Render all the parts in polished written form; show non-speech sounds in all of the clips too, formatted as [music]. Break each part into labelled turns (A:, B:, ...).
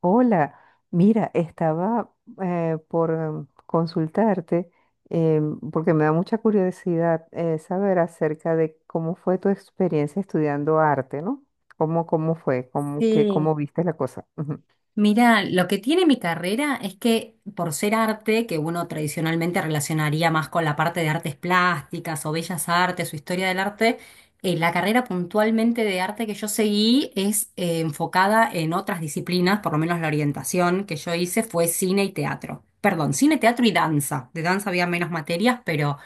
A: Hola, mira, estaba consultarte, eh, porque me da mucha curiosidad, saber acerca de cómo fue tu experiencia estudiando arte, ¿no? ¿Cómo fue? ¿Cómo, que
B: Sí,
A: cómo viste la cosa? Ujú.
B: mira, lo que tiene mi carrera es que por ser arte, que uno tradicionalmente relacionaría más con la parte de artes plásticas o bellas artes o historia del arte. La carrera puntualmente de arte que yo seguí es enfocada en otras disciplinas, por lo menos la orientación que yo hice fue cine y teatro. Perdón, cine, teatro y danza. De danza había menos materias, pero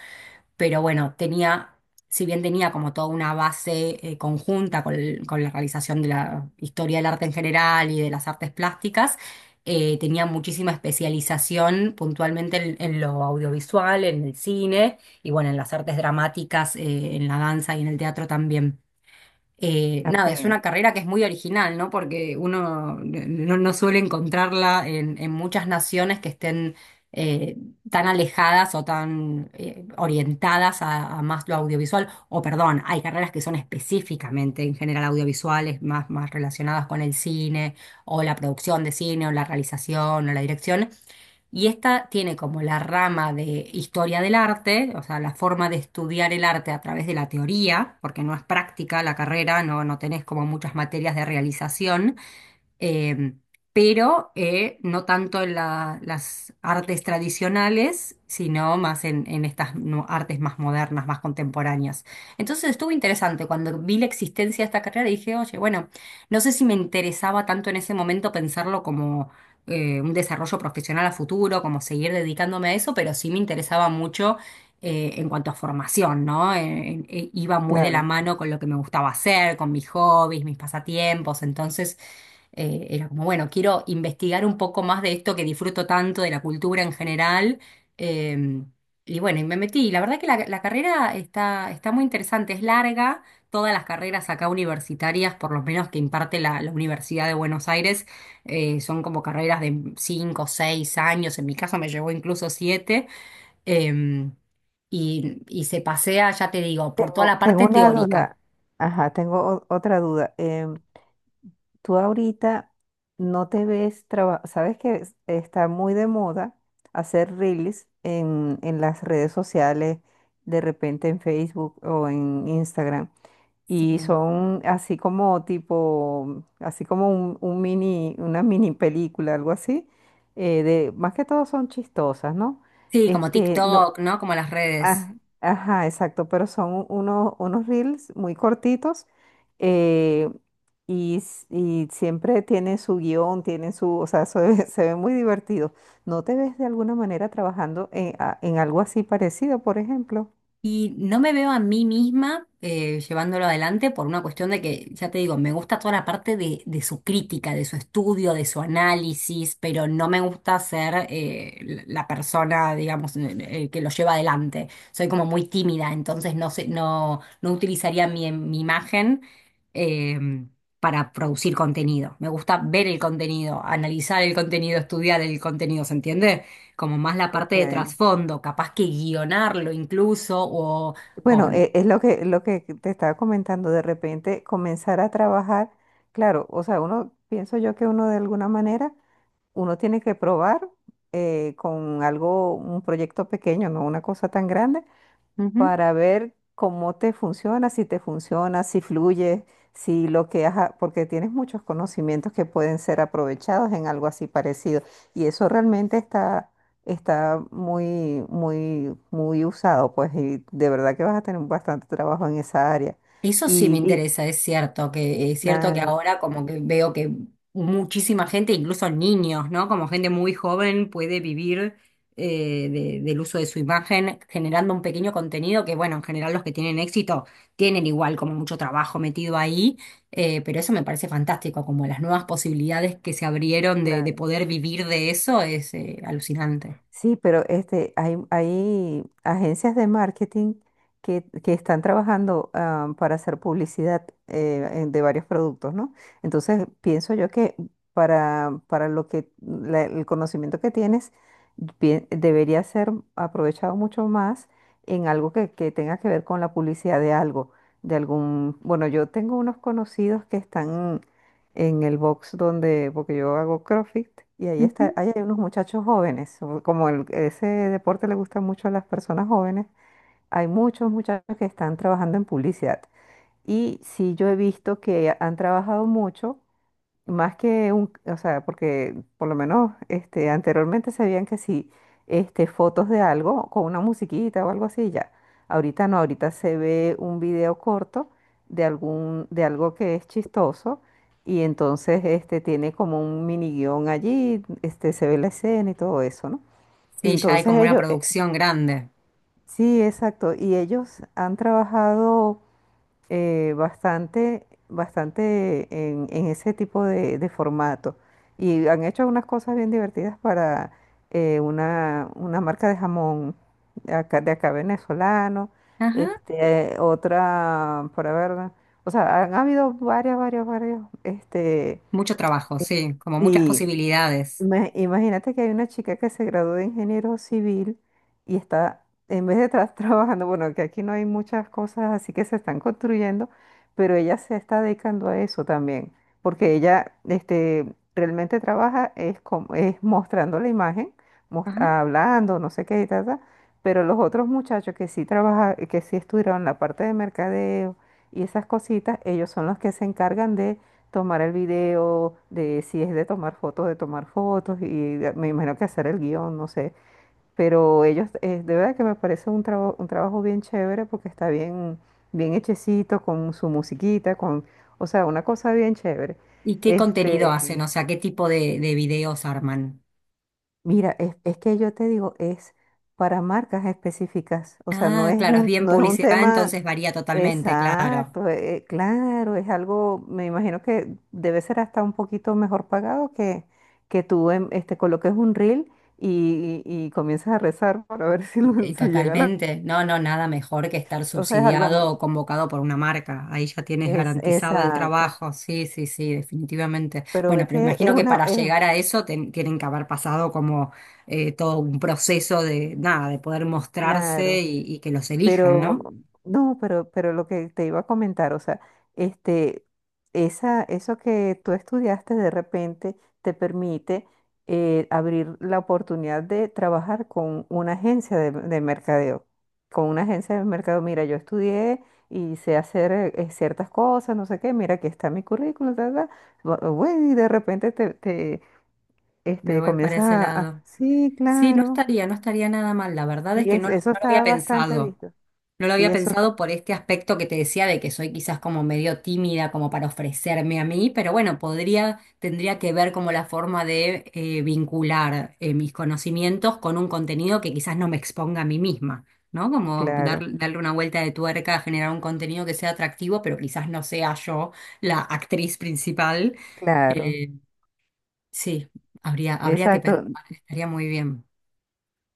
B: pero bueno, tenía, si bien tenía como toda una base conjunta con con la realización de la historia del arte en general y de las artes plásticas. Tenía muchísima especialización puntualmente en lo audiovisual, en el cine y bueno, en las artes dramáticas, en la danza y en el teatro también.
A: Ok,
B: Nada, es una carrera que es muy original, ¿no? Porque uno no suele encontrarla en muchas naciones que estén eh, tan alejadas o tan orientadas a más lo audiovisual. O perdón, hay carreras que son específicamente en general audiovisuales, más, más relacionadas con el cine o la producción de cine o la realización o la dirección. Y esta tiene como la rama de historia del arte, o sea, la forma de estudiar el arte a través de la teoría, porque no es práctica la carrera, no tenés como muchas materias de realización, eh, pero no tanto en las artes tradicionales, sino más en estas artes más modernas, más contemporáneas. Entonces estuvo interesante. Cuando vi la existencia de esta carrera dije, oye, bueno, no sé si me interesaba tanto en ese momento pensarlo como un desarrollo profesional a futuro, como seguir dedicándome a eso, pero sí me interesaba mucho en cuanto a formación, ¿no? Iba muy de la
A: claro.
B: mano con lo que me gustaba hacer, con mis hobbies, mis pasatiempos. Entonces era como, bueno, quiero investigar un poco más de esto que disfruto tanto, de la cultura en general. eh, y bueno, y me metí. La verdad que la carrera está, está muy interesante, es larga. Todas las carreras acá universitarias, por lo menos que imparte la Universidad de Buenos Aires, son como carreras de 5 o 6 años. En mi caso me llevó incluso 7. em, y, se pasea, ya te digo, por toda
A: Tengo,
B: la
A: tengo
B: parte
A: una
B: teórica.
A: duda. Ajá, tengo otra duda. Tú ahorita no te ves trabajando, sabes que está muy de moda hacer reels en las redes sociales, de repente en Facebook o en Instagram. Y
B: Sí.
A: son así como tipo, así como un mini, una mini película, algo así. De, más que todo son chistosas, ¿no?
B: Sí, como
A: Este, no,
B: TikTok, ¿no? Como las redes.
A: ah, ajá, exacto, pero son unos, unos reels muy cortitos. eh, y, y siempre tienen su guión, tienen su, o sea, se ve, [laughs] se ve muy divertido. ¿No te ves de alguna manera trabajando en, en algo así parecido, por ejemplo?
B: Y no me veo a mí misma llevándolo adelante por una cuestión de que, ya te digo, me gusta toda la parte de su crítica, de su estudio, de su análisis, pero no me gusta ser la persona, digamos, que lo lleva adelante. Soy como muy tímida, entonces no sé, no utilizaría mi imagen eh, para producir contenido. Me gusta ver el contenido, analizar el contenido, estudiar el contenido, ¿se entiende? Como más la
A: Ok.
B: parte de trasfondo, capaz que guionarlo incluso, o-
A: Bueno, es lo que te estaba comentando, de repente comenzar a trabajar, claro, o sea, uno, pienso yo que uno de alguna manera, uno tiene que probar con algo, un proyecto pequeño, no una cosa tan grande,
B: Ujú.
A: para ver cómo te funciona, si fluye, si lo que has, porque tienes muchos conocimientos que pueden ser aprovechados en algo así parecido. Y eso realmente está, está muy, muy, muy usado, pues, y de verdad que vas a tener bastante trabajo en esa área.
B: Eso sí me
A: Y
B: interesa, es cierto que
A: claro,
B: ahora como que veo que muchísima gente, incluso niños, ¿no? Como gente muy joven puede vivir del uso de su imagen generando un pequeño contenido que, bueno, en general los que tienen éxito tienen igual como mucho trabajo metido ahí. Pero eso me parece fantástico, como las nuevas posibilidades que se abrieron de
A: claro.
B: poder vivir de eso es alucinante.
A: Sí, pero este, hay agencias de marketing que están trabajando, para hacer publicidad, de varios productos, ¿no? Entonces, pienso yo que para lo que el conocimiento que tienes debería ser aprovechado mucho más en algo que tenga que ver con la publicidad de algo, de algún, bueno, yo tengo unos conocidos que están en el box donde, porque yo hago CrossFit y ahí está, ahí hay unos muchachos jóvenes, o como ese deporte le gusta mucho a las personas jóvenes, hay muchos muchachos que están trabajando en publicidad. Y sí, yo he visto que han trabajado mucho más que un, o sea, porque por lo menos este, anteriormente sabían que si este, fotos de algo con una musiquita o algo así, ya. Ahorita no, ahorita se ve un video corto de algún, de algo que es chistoso y entonces este, tiene como un mini guión allí, este, se ve la escena y todo eso, ¿no?
B: Sí, ya hay
A: Entonces
B: como una
A: ellos,
B: producción grande.
A: sí, exacto, y ellos han trabajado, bastante, bastante en ese tipo de formato. Y han hecho unas cosas bien divertidas para, una marca de jamón de acá venezolano,
B: Ajá.
A: este, otra, para ver, o sea, han habido varias, varias, varias, este,
B: Mucho trabajo, sí, como muchas
A: sí,
B: posibilidades.
A: Imagínate que hay una chica que se graduó de ingeniero civil y está, en vez de estar [laughs] trabajando, bueno, que aquí no hay muchas cosas así que se están construyendo, pero ella se está dedicando a eso también, porque ella este, realmente trabaja es, como, es mostrando la imagen,
B: Ajá.
A: hablando, no sé qué y tal, pero los otros muchachos que sí trabaja, que sí estudiaron la parte de mercadeo y esas cositas, ellos son los que se encargan de tomar el video, de si es de tomar fotos, y me imagino que hacer el guión, no sé. Pero ellos, de verdad que me parece un trabajo bien chévere porque está bien, bien hechecito, con su musiquita, con, o sea, una cosa bien chévere.
B: ¿Y qué contenido hacen?
A: Este,
B: O sea, ¿qué tipo de videos arman?
A: mira, es que yo te digo, es para marcas específicas. O sea, no
B: Ah,
A: es
B: claro, es
A: un,
B: bien
A: no es un
B: publicidad,
A: tema.
B: entonces varía totalmente, claro.
A: Exacto, claro, es algo, me imagino que debe ser hasta un poquito mejor pagado que tú este, coloques un reel y, y comiences a rezar para ver [laughs] si,
B: Y
A: si llega la...
B: totalmente. No, no, nada mejor que estar
A: O sea, es algo...
B: subsidiado o convocado por una marca. Ahí ya tienes
A: es,
B: garantizado el
A: exacto,
B: trabajo. Sí, sí, sí, definitivamente.
A: pero
B: Bueno,
A: ve
B: pero
A: que es
B: imagino que
A: una...
B: para
A: Es,
B: llegar a eso tienen que haber pasado como todo un proceso de nada, de poder mostrarse
A: claro.
B: y que los elijan,
A: Pero,
B: ¿no?
A: no, pero lo que te iba a comentar, o sea, este, esa, eso que tú estudiaste de repente te permite, abrir la oportunidad de trabajar con una agencia de mercadeo. Con una agencia de mercadeo, mira, yo estudié y sé hacer, ciertas cosas, no sé qué, mira, aquí está mi currículum, ta, ta. Bueno, y de repente te, te,
B: Me
A: este,
B: voy para
A: comienzas
B: ese
A: a,
B: lado.
A: sí,
B: Sí, no
A: claro.
B: estaría, no estaría nada mal. La verdad
A: Sí,
B: es que no lo,
A: eso
B: no lo
A: está
B: había
A: bastante
B: pensado.
A: visto.
B: No lo
A: Sí,
B: había
A: eso está
B: pensado por este aspecto que te decía de que soy quizás como medio tímida como para ofrecerme a mí, pero bueno, podría, tendría que ver como la forma de vincular mis conocimientos con un contenido que quizás no me exponga a mí misma, ¿no? Como
A: claro.
B: darle una vuelta de tuerca, generar un contenido que sea atractivo, pero quizás no sea yo la actriz principal.
A: Claro,
B: Eh, sí, habría que
A: exacto.
B: pensar, estaría muy bien.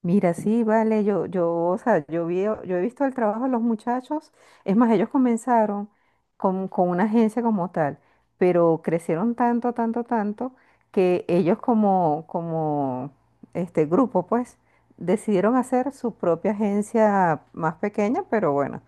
A: Mira, sí, vale, yo, o sea, yo vi, yo he visto el trabajo de los muchachos, es más, ellos comenzaron con una agencia como tal, pero crecieron tanto, tanto, tanto, que ellos como, como este grupo, pues, decidieron hacer su propia agencia más pequeña, pero bueno,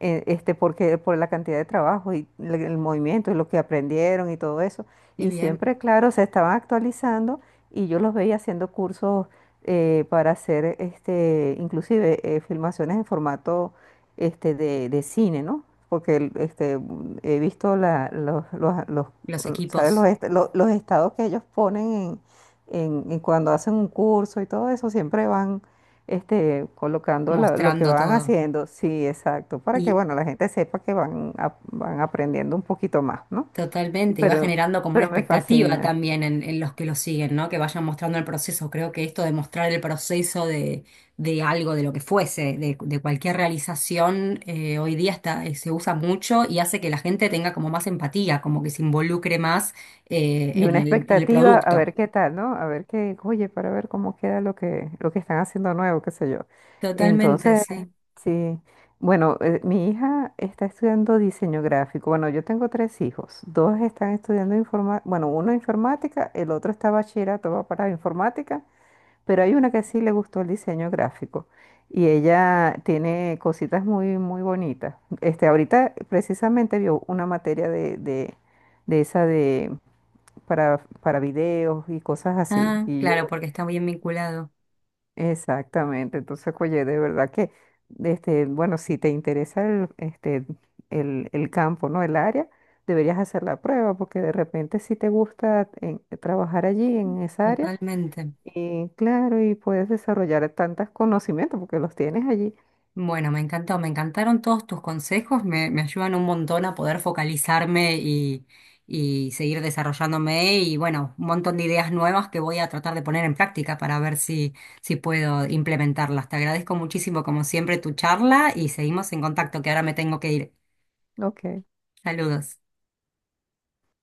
A: este, porque por la cantidad de trabajo y el movimiento y lo que aprendieron y todo eso,
B: Qué
A: y
B: bien,
A: siempre, claro, se estaban actualizando y yo los veía haciendo cursos, para hacer este, inclusive filmaciones en formato este, de cine, ¿no? Porque este, mm, he visto la, los,
B: los
A: ¿sabes? Los,
B: equipos
A: los estados que ellos ponen en, en cuando hacen un curso y todo eso, siempre van este, colocando lo que
B: mostrando
A: van
B: todo.
A: haciendo. Sí, exacto, para que,
B: y
A: bueno, la gente sepa que van, van aprendiendo un poquito más, ¿no? Y
B: Totalmente, y va
A: Pero,
B: generando como una
A: pero me
B: expectativa
A: fascina.
B: también en los que lo siguen, ¿no? Que vayan mostrando el proceso. Creo que esto de mostrar el proceso de algo, de lo que fuese, de cualquier realización, hoy día está, se usa mucho y hace que la gente tenga como más empatía, como que se involucre más
A: Y una
B: en el
A: expectativa a
B: producto.
A: ver qué tal, ¿no? A ver qué, oye, para ver cómo queda lo que están haciendo nuevo, qué sé yo.
B: Totalmente,
A: Entonces,
B: sí.
A: sí, bueno, mi hija está estudiando diseño gráfico. Bueno, yo tengo tres hijos. Dos están estudiando informática, bueno, uno informática, el otro está bachillerato, va para informática, pero hay una que sí le gustó el diseño gráfico. Y ella tiene cositas muy, muy bonitas. Este, ahorita precisamente vio una materia de esa de para videos y cosas así.
B: Ah,
A: Y
B: claro,
A: yo,
B: porque está bien vinculado.
A: exactamente. Entonces, oye, de verdad que, este, bueno, si te interesa el, este, el campo, ¿no? El área, deberías hacer la prueba, porque de repente si te gusta trabajar allí en esa área,
B: Totalmente.
A: y claro, y puedes desarrollar tantos conocimientos porque los tienes allí.
B: Bueno, me encantó, me encantaron todos tus consejos, me ayudan un montón a poder focalizarme y seguir desarrollándome y bueno, un montón de ideas nuevas que voy a tratar de poner en práctica para ver si puedo implementarlas. Te agradezco muchísimo, como siempre, tu charla y seguimos en contacto, que ahora me tengo que ir.
A: Ok.
B: Saludos.